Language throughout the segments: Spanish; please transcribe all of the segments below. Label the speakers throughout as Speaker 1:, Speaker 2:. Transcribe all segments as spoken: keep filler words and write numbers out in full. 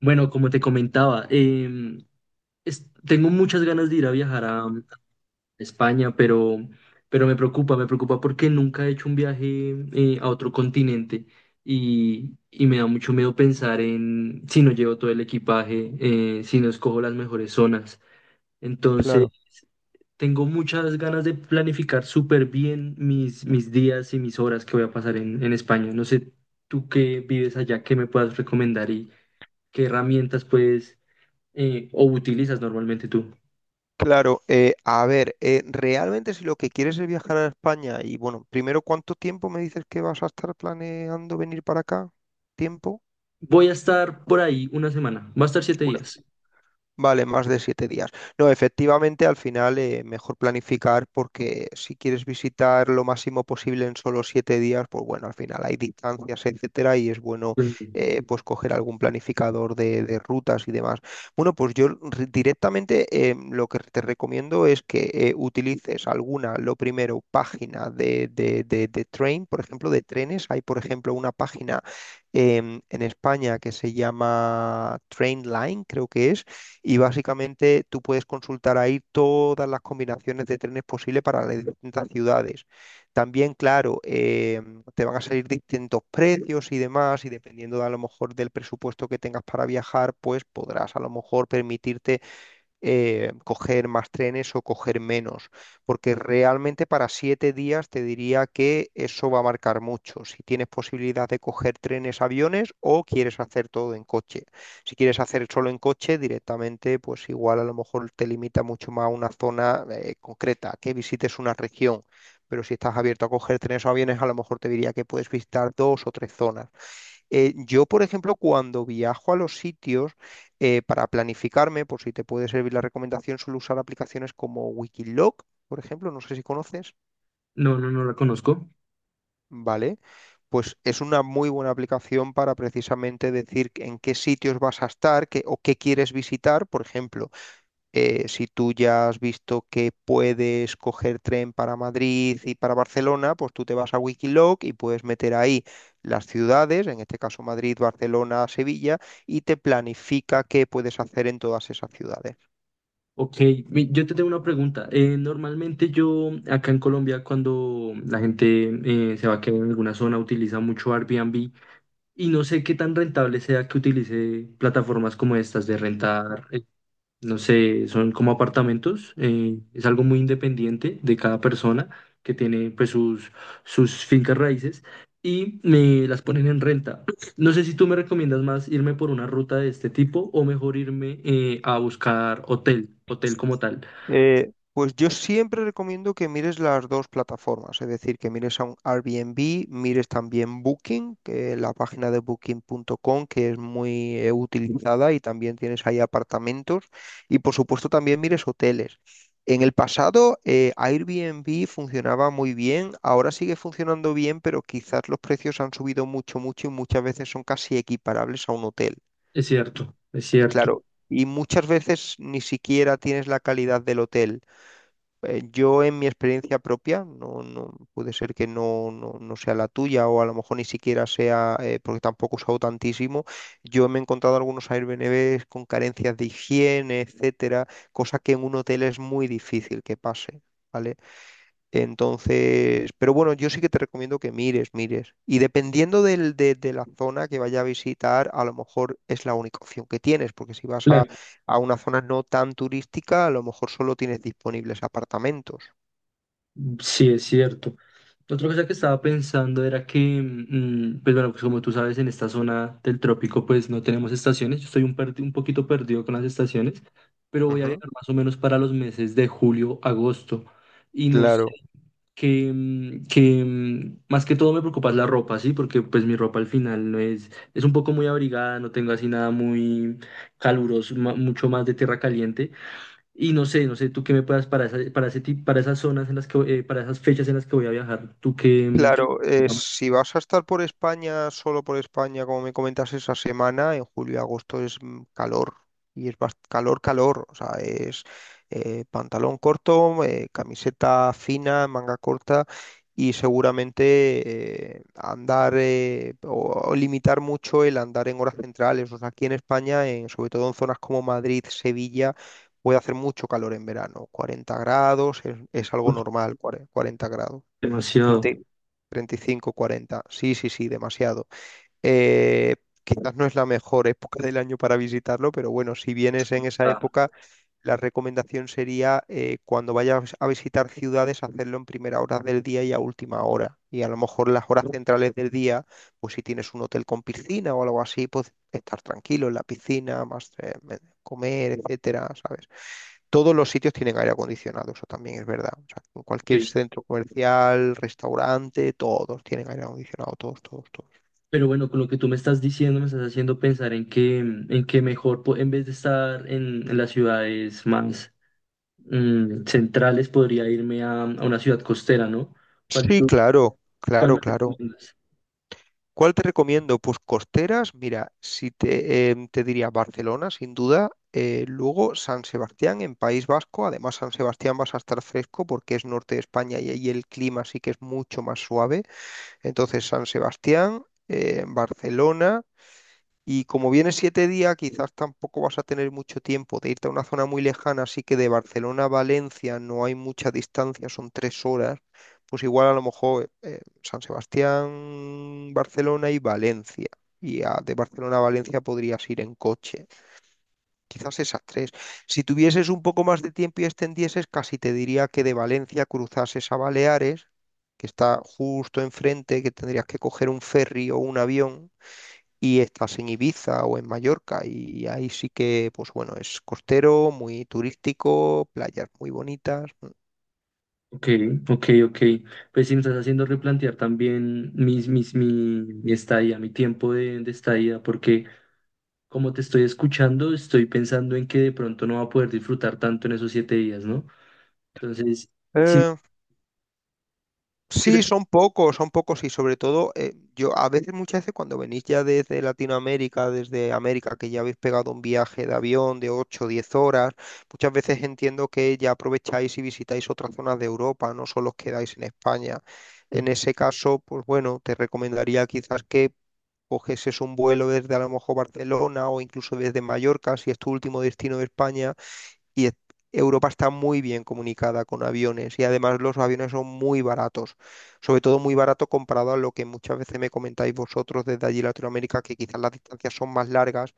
Speaker 1: Bueno, como te comentaba, em, es- tengo muchas ganas de ir a viajar a, a España, pero, pero me preocupa, me preocupa porque nunca he hecho un viaje eh, a otro continente y, y me da mucho miedo pensar en si no llevo todo el equipaje, eh, si no escojo las mejores zonas. Entonces,
Speaker 2: Claro,
Speaker 1: tengo muchas ganas de planificar súper bien mis, mis días y mis horas que voy a pasar en, en España. No sé, tú que vives allá, qué me puedas recomendar y qué herramientas puedes eh, o utilizas normalmente tú.
Speaker 2: claro. eh, a ver, eh, realmente, si lo que quieres es viajar a España y bueno, primero, ¿cuánto tiempo me dices que vas a estar planeando venir para acá? ¿Tiempo?
Speaker 1: Voy a estar por ahí una semana, va a estar siete días.
Speaker 2: Vale, más de siete días. No, efectivamente, al final, eh, mejor planificar, porque si quieres visitar lo máximo posible en solo siete días, pues bueno, al final hay distancias, etcétera, y es bueno,
Speaker 1: Eh,
Speaker 2: eh, pues coger algún planificador de, de rutas y demás. Bueno, pues yo re- directamente, eh, lo que te recomiendo es que eh, utilices alguna, lo primero, página de, de, de, de train, por ejemplo, de trenes. Hay, por ejemplo, una página em, en España que se llama Trainline, creo que es. Y básicamente tú puedes consultar ahí todas las combinaciones de trenes posibles para las distintas ciudades. También, claro, eh, te van a salir distintos precios y demás, y dependiendo de, a lo mejor, del presupuesto que tengas para viajar, pues podrás a lo mejor permitirte eh, coger más trenes o coger menos, porque realmente para siete días te diría que eso va a marcar mucho, si tienes posibilidad de coger trenes, aviones o quieres hacer todo en coche. Si quieres hacer solo en coche directamente, pues igual a lo mejor te limita mucho más a una zona eh, concreta, que visites una región. Pero si estás abierto a coger trenes o aviones, a lo mejor te diría que puedes visitar dos o tres zonas. Eh, yo, por ejemplo, cuando viajo a los sitios, eh, para planificarme, por si te puede servir la recomendación, suelo usar aplicaciones como Wikiloc, por ejemplo. No sé si conoces,
Speaker 1: No, no, no la conozco.
Speaker 2: ¿vale? Pues es una muy buena aplicación para precisamente decir en qué sitios vas a estar qué- o qué quieres visitar, por ejemplo. eh, si tú ya has visto que puedes coger tren para Madrid y para Barcelona, pues tú te vas a Wikiloc y puedes meter ahí las ciudades, en este caso Madrid, Barcelona, Sevilla, y te planifica qué puedes hacer en todas esas ciudades.
Speaker 1: Ok, mi- yo te tengo una pregunta. Eh, normalmente yo acá en Colombia cuando la gente eh, se va a quedar en alguna zona utiliza mucho Airbnb y no sé qué tan rentable sea que utilice plataformas como estas de rentar, eh, no sé, son como apartamentos, eh, es algo muy independiente de cada persona que tiene pues sus, sus fincas raíces y me las ponen en renta. No sé si tú me recomiendas más irme por una ruta de este tipo o mejor irme eh, a buscar hotel, hotel como tal.
Speaker 2: Eh, pues yo siempre recomiendo que mires las dos plataformas, es decir, que mires a un Airbnb, mires también Booking, que la página de booking punto com, que es muy eh, utilizada, y también tienes ahí apartamentos, y por supuesto también mires hoteles. En el pasado, eh, Airbnb funcionaba muy bien, ahora sigue funcionando bien, pero quizás los precios han subido mucho, mucho, y muchas veces son casi equiparables a un hotel.
Speaker 1: Es cierto, es cierto.
Speaker 2: Claro, y muchas veces ni siquiera tienes la calidad del hotel. Eh, Yo, en mi experiencia propia, no, no puede ser que no, no, no sea la tuya, o a lo mejor ni siquiera sea, eh, porque tampoco he usado tantísimo, yo me he encontrado algunos Airbnbs con carencias de higiene, etcétera, cosa que en un hotel es muy difícil que pase, ¿vale? Entonces, pero bueno, yo sí que te recomiendo que mires, mires. Y dependiendo del, de, de la zona que vaya a visitar, a lo mejor es la única opción que tienes, porque si vas a,
Speaker 1: Claro.
Speaker 2: a una zona no tan turística, a lo mejor solo tienes disponibles apartamentos.
Speaker 1: Sí, es cierto. Otra cosa que estaba pensando era que, mm, pues bueno, pues como tú sabes, en esta zona del trópico pues no tenemos estaciones. Yo estoy un, perdi- un poquito perdido con las estaciones, pero voy a
Speaker 2: Ujú.
Speaker 1: viajar más o menos para los meses de julio, agosto. Y no sé,
Speaker 2: Claro.
Speaker 1: que, mm, que mm, más que todo me preocupa es la ropa, ¿sí? Porque pues mi ropa al final no es, es un poco muy abrigada, no tengo así nada muy caluroso, ma- mucho más de tierra caliente. Y no sé, no sé, tú qué me puedas para esa- para ese tip- para esas zonas en las que, voy- eh, para esas fechas en las que voy a viajar. Tú que...
Speaker 2: Claro, eh, si vas a estar por España, solo por España, como me comentas esa semana, en julio y agosto es mm, calor. Y es bast- calor, calor. O sea, es eh, pantalón corto, eh, camiseta fina, manga corta. Y seguramente eh, andar, eh, o, o limitar mucho el andar en horas centrales. O sea, aquí en España, en- sobre todo en zonas como Madrid, Sevilla, puede hacer mucho calor en verano. Cuarenta grados es, es algo normal, cuare- cuarenta grados,
Speaker 1: Demasiado.
Speaker 2: treinta, treinta y cinco, cuarenta. Sí, sí, sí, demasiado. Eh, Quizás no es la mejor época del año para visitarlo, pero bueno, si vienes en esa
Speaker 1: Ah,
Speaker 2: época, la recomendación sería, eh, cuando vayas a visitar ciudades, hacerlo en primera hora del día y a última hora. Y a lo mejor las horas centrales del día, pues si tienes un hotel con piscina o algo así, pues estar tranquilo en la piscina, más eh, comer, etcétera, ¿sabes? Todos los sitios tienen aire acondicionado, eso también es verdad. O sea, en cualquier
Speaker 1: ok.
Speaker 2: centro comercial, restaurante, todos tienen aire acondicionado, todos, todos, todos.
Speaker 1: Pero bueno, con lo que tú me estás diciendo, me estás haciendo pensar en que, en que mejor, po- en vez de estar en, en las ciudades más mm, centrales, podría irme a, a una ciudad costera, ¿no? ¿Cuál
Speaker 2: Sí,
Speaker 1: tú,
Speaker 2: claro,
Speaker 1: cuál
Speaker 2: claro,
Speaker 1: me
Speaker 2: claro.
Speaker 1: recomiendas?
Speaker 2: ¿Cuál te recomiendo? Pues costeras, mira, si te, em, te diría Barcelona, sin duda. Eh, luego San Sebastián en País Vasco, además San Sebastián vas a estar fresco porque es norte de España y ahí el clima sí que es mucho más suave. Entonces, San Sebastián, eh, Barcelona. Y como vienes siete días, quizás tampoco vas a tener mucho tiempo de irte a una zona muy lejana, así que de Barcelona a Valencia no hay mucha distancia, son tres horas. Pues igual a lo mejor, eh, San Sebastián, Barcelona y Valencia. Y a- de Barcelona a Valencia podrías ir en coche. Quizás esas tres. Si tuvieses un poco más de tiempo y extendieses, casi te diría que de Valencia cruzases a Baleares, que está justo enfrente, que tendrías que coger un ferry o un avión, y estás en Ibiza o en Mallorca, y ahí sí que, pues bueno, es costero, muy turístico, playas muy bonitas, ¿no?
Speaker 1: Ok, ok, ok. Pues sí, me estás haciendo replantear también mis, mis, mi, mi estadía, mi tiempo de, de estadía, porque como te estoy escuchando, estoy pensando en que de pronto no va a poder disfrutar tanto en esos siete días, ¿no? Entonces, sí,
Speaker 2: Eh,
Speaker 1: sí lo-
Speaker 2: sí, son pocos, son pocos, y sobre todo, eh, yo a veces, muchas veces, cuando venís ya desde Latinoamérica, desde América, que ya habéis pegado un viaje de avión de ocho o diez horas, muchas veces entiendo que ya aprovecháis y visitáis otras zonas de Europa, no solo os quedáis en España. En ese caso, pues bueno, te recomendaría quizás que coges es un vuelo desde a lo mejor Barcelona, o incluso desde Mallorca, si es tu último destino de España, y es- Europa está muy bien comunicada con aviones, y además los aviones son muy baratos, sobre todo muy barato comparado a lo que muchas veces me comentáis vosotros desde allí Latinoamérica, que quizás las distancias son más largas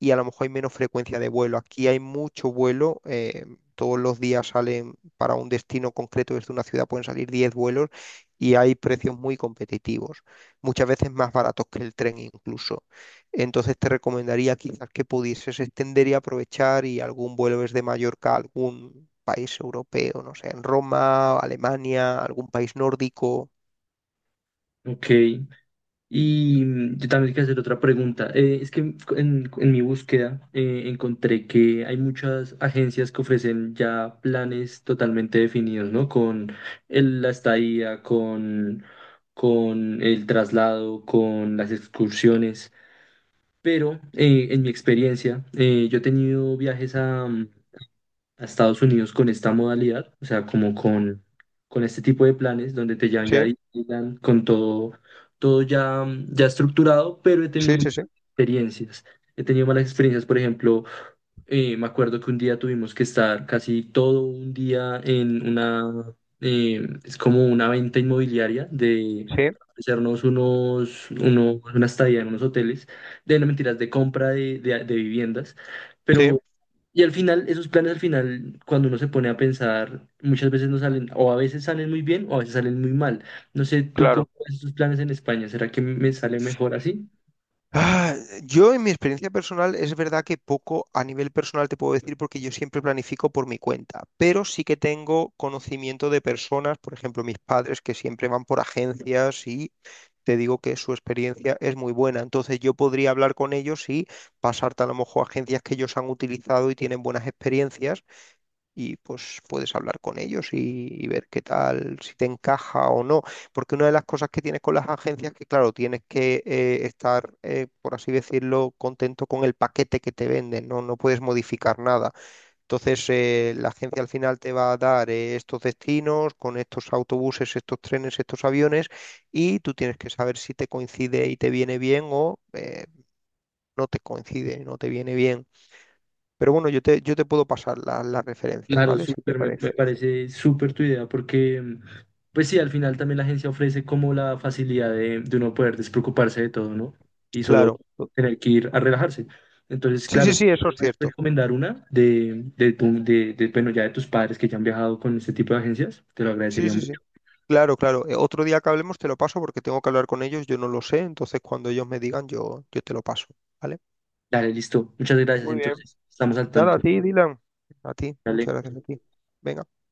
Speaker 2: y a lo mejor hay menos frecuencia de vuelo. Aquí hay mucho vuelo. Eh, todos los días salen para un destino concreto desde una ciudad, pueden salir diez vuelos y hay precios muy competitivos, muchas veces más baratos que el tren incluso. Entonces te recomendaría quizás que pudieses extender y aprovechar y algún vuelo desde Mallorca a algún país europeo, no sé, en Roma, Alemania, algún país nórdico.
Speaker 1: ok, y mm, yo también quiero hacer otra pregunta. Eh, es que en, en- en mi búsqueda eh, encontré que hay muchas agencias que ofrecen ya planes totalmente definidos, ¿no? Con el- la estadía, con, con el traslado, con las excursiones. Pero eh, en mi experiencia, eh, yo he tenido viajes a Estados Unidos con esta modalidad, o sea, como con, con este tipo de planes donde te llevan ya a
Speaker 2: Sí,
Speaker 1: Disneyland con todo, todo ya, mm, ya estructurado, pero he tenido
Speaker 2: sí,
Speaker 1: muy
Speaker 2: sí, sí,
Speaker 1: malas experiencias. He tenido malas experiencias, por ejemplo, eh, me acuerdo que un día tuvimos que estar casi todo un día en una, eh, es como una venta inmobiliaria de
Speaker 2: sí,
Speaker 1: hacernos unos, unos, una estadía en unos hoteles, de no mentiras, de compra de, de, de viviendas.
Speaker 2: sí,
Speaker 1: Pero, y al final, esos planes al final, cuando uno se pone a pensar, muchas veces no salen, o a veces salen muy bien, o a veces salen muy mal. No sé, tú cómo
Speaker 2: claro.
Speaker 1: ves esos planes en España, ¿será que me sale mejor así?
Speaker 2: Ah, yo en mi experiencia personal, es verdad que poco a nivel personal te puedo decir porque yo siempre planifico por mi cuenta, pero sí que tengo conocimiento de personas, por ejemplo mis padres, que siempre van por agencias, y te digo que su experiencia es muy buena. Entonces yo podría hablar con ellos y pasarte a lo mejor a agencias que ellos han utilizado y tienen buenas experiencias, y pues puedes hablar con ellos y, y ver qué tal, si te encaja o no. Porque una de las cosas que tienes con las agencias es que, claro, tienes que eh, estar, eh, por así decirlo, contento con el paquete que te venden, ¿no? No puedes modificar nada. Entonces, eh, la agencia al final te va a dar eh, estos destinos con estos autobuses, estos trenes, estos aviones, y tú tienes que saber si te coincide y te viene bien, o eh, no te coincide, no te viene bien. Pero bueno, yo te, yo te puedo pasar la- las referencias,
Speaker 1: Claro,
Speaker 2: ¿vale? Si te
Speaker 1: súper, me, me
Speaker 2: parece.
Speaker 1: parece súper tu idea, porque mm, pues sí, al final también la agencia ofrece como la facilidad de, de uno poder despreocuparse de todo, ¿no? Y solo
Speaker 2: Claro.
Speaker 1: tener que ir a relajarse. Entonces,
Speaker 2: Sí,
Speaker 1: claro,
Speaker 2: sí,
Speaker 1: si
Speaker 2: sí,
Speaker 1: tú
Speaker 2: eso es
Speaker 1: puedes
Speaker 2: cierto.
Speaker 1: recomendar una de, de, tu- de, de, bueno, ya de tus padres que ya han viajado con este tipo de agencias, te lo
Speaker 2: Sí,
Speaker 1: agradecería
Speaker 2: sí, sí.
Speaker 1: mucho.
Speaker 2: Claro, claro. Eh, Otro día que hablemos te lo paso, porque tengo que hablar con ellos, yo no lo sé. Entonces, cuando ellos me digan, yo, yo te lo paso, ¿vale?
Speaker 1: Dale, listo. Muchas gracias,
Speaker 2: Muy bien.
Speaker 1: entonces, estamos al
Speaker 2: Nada,
Speaker 1: tanto.
Speaker 2: a ti, Dylan. A ti,
Speaker 1: Dale.
Speaker 2: muchas gracias a ti. Venga.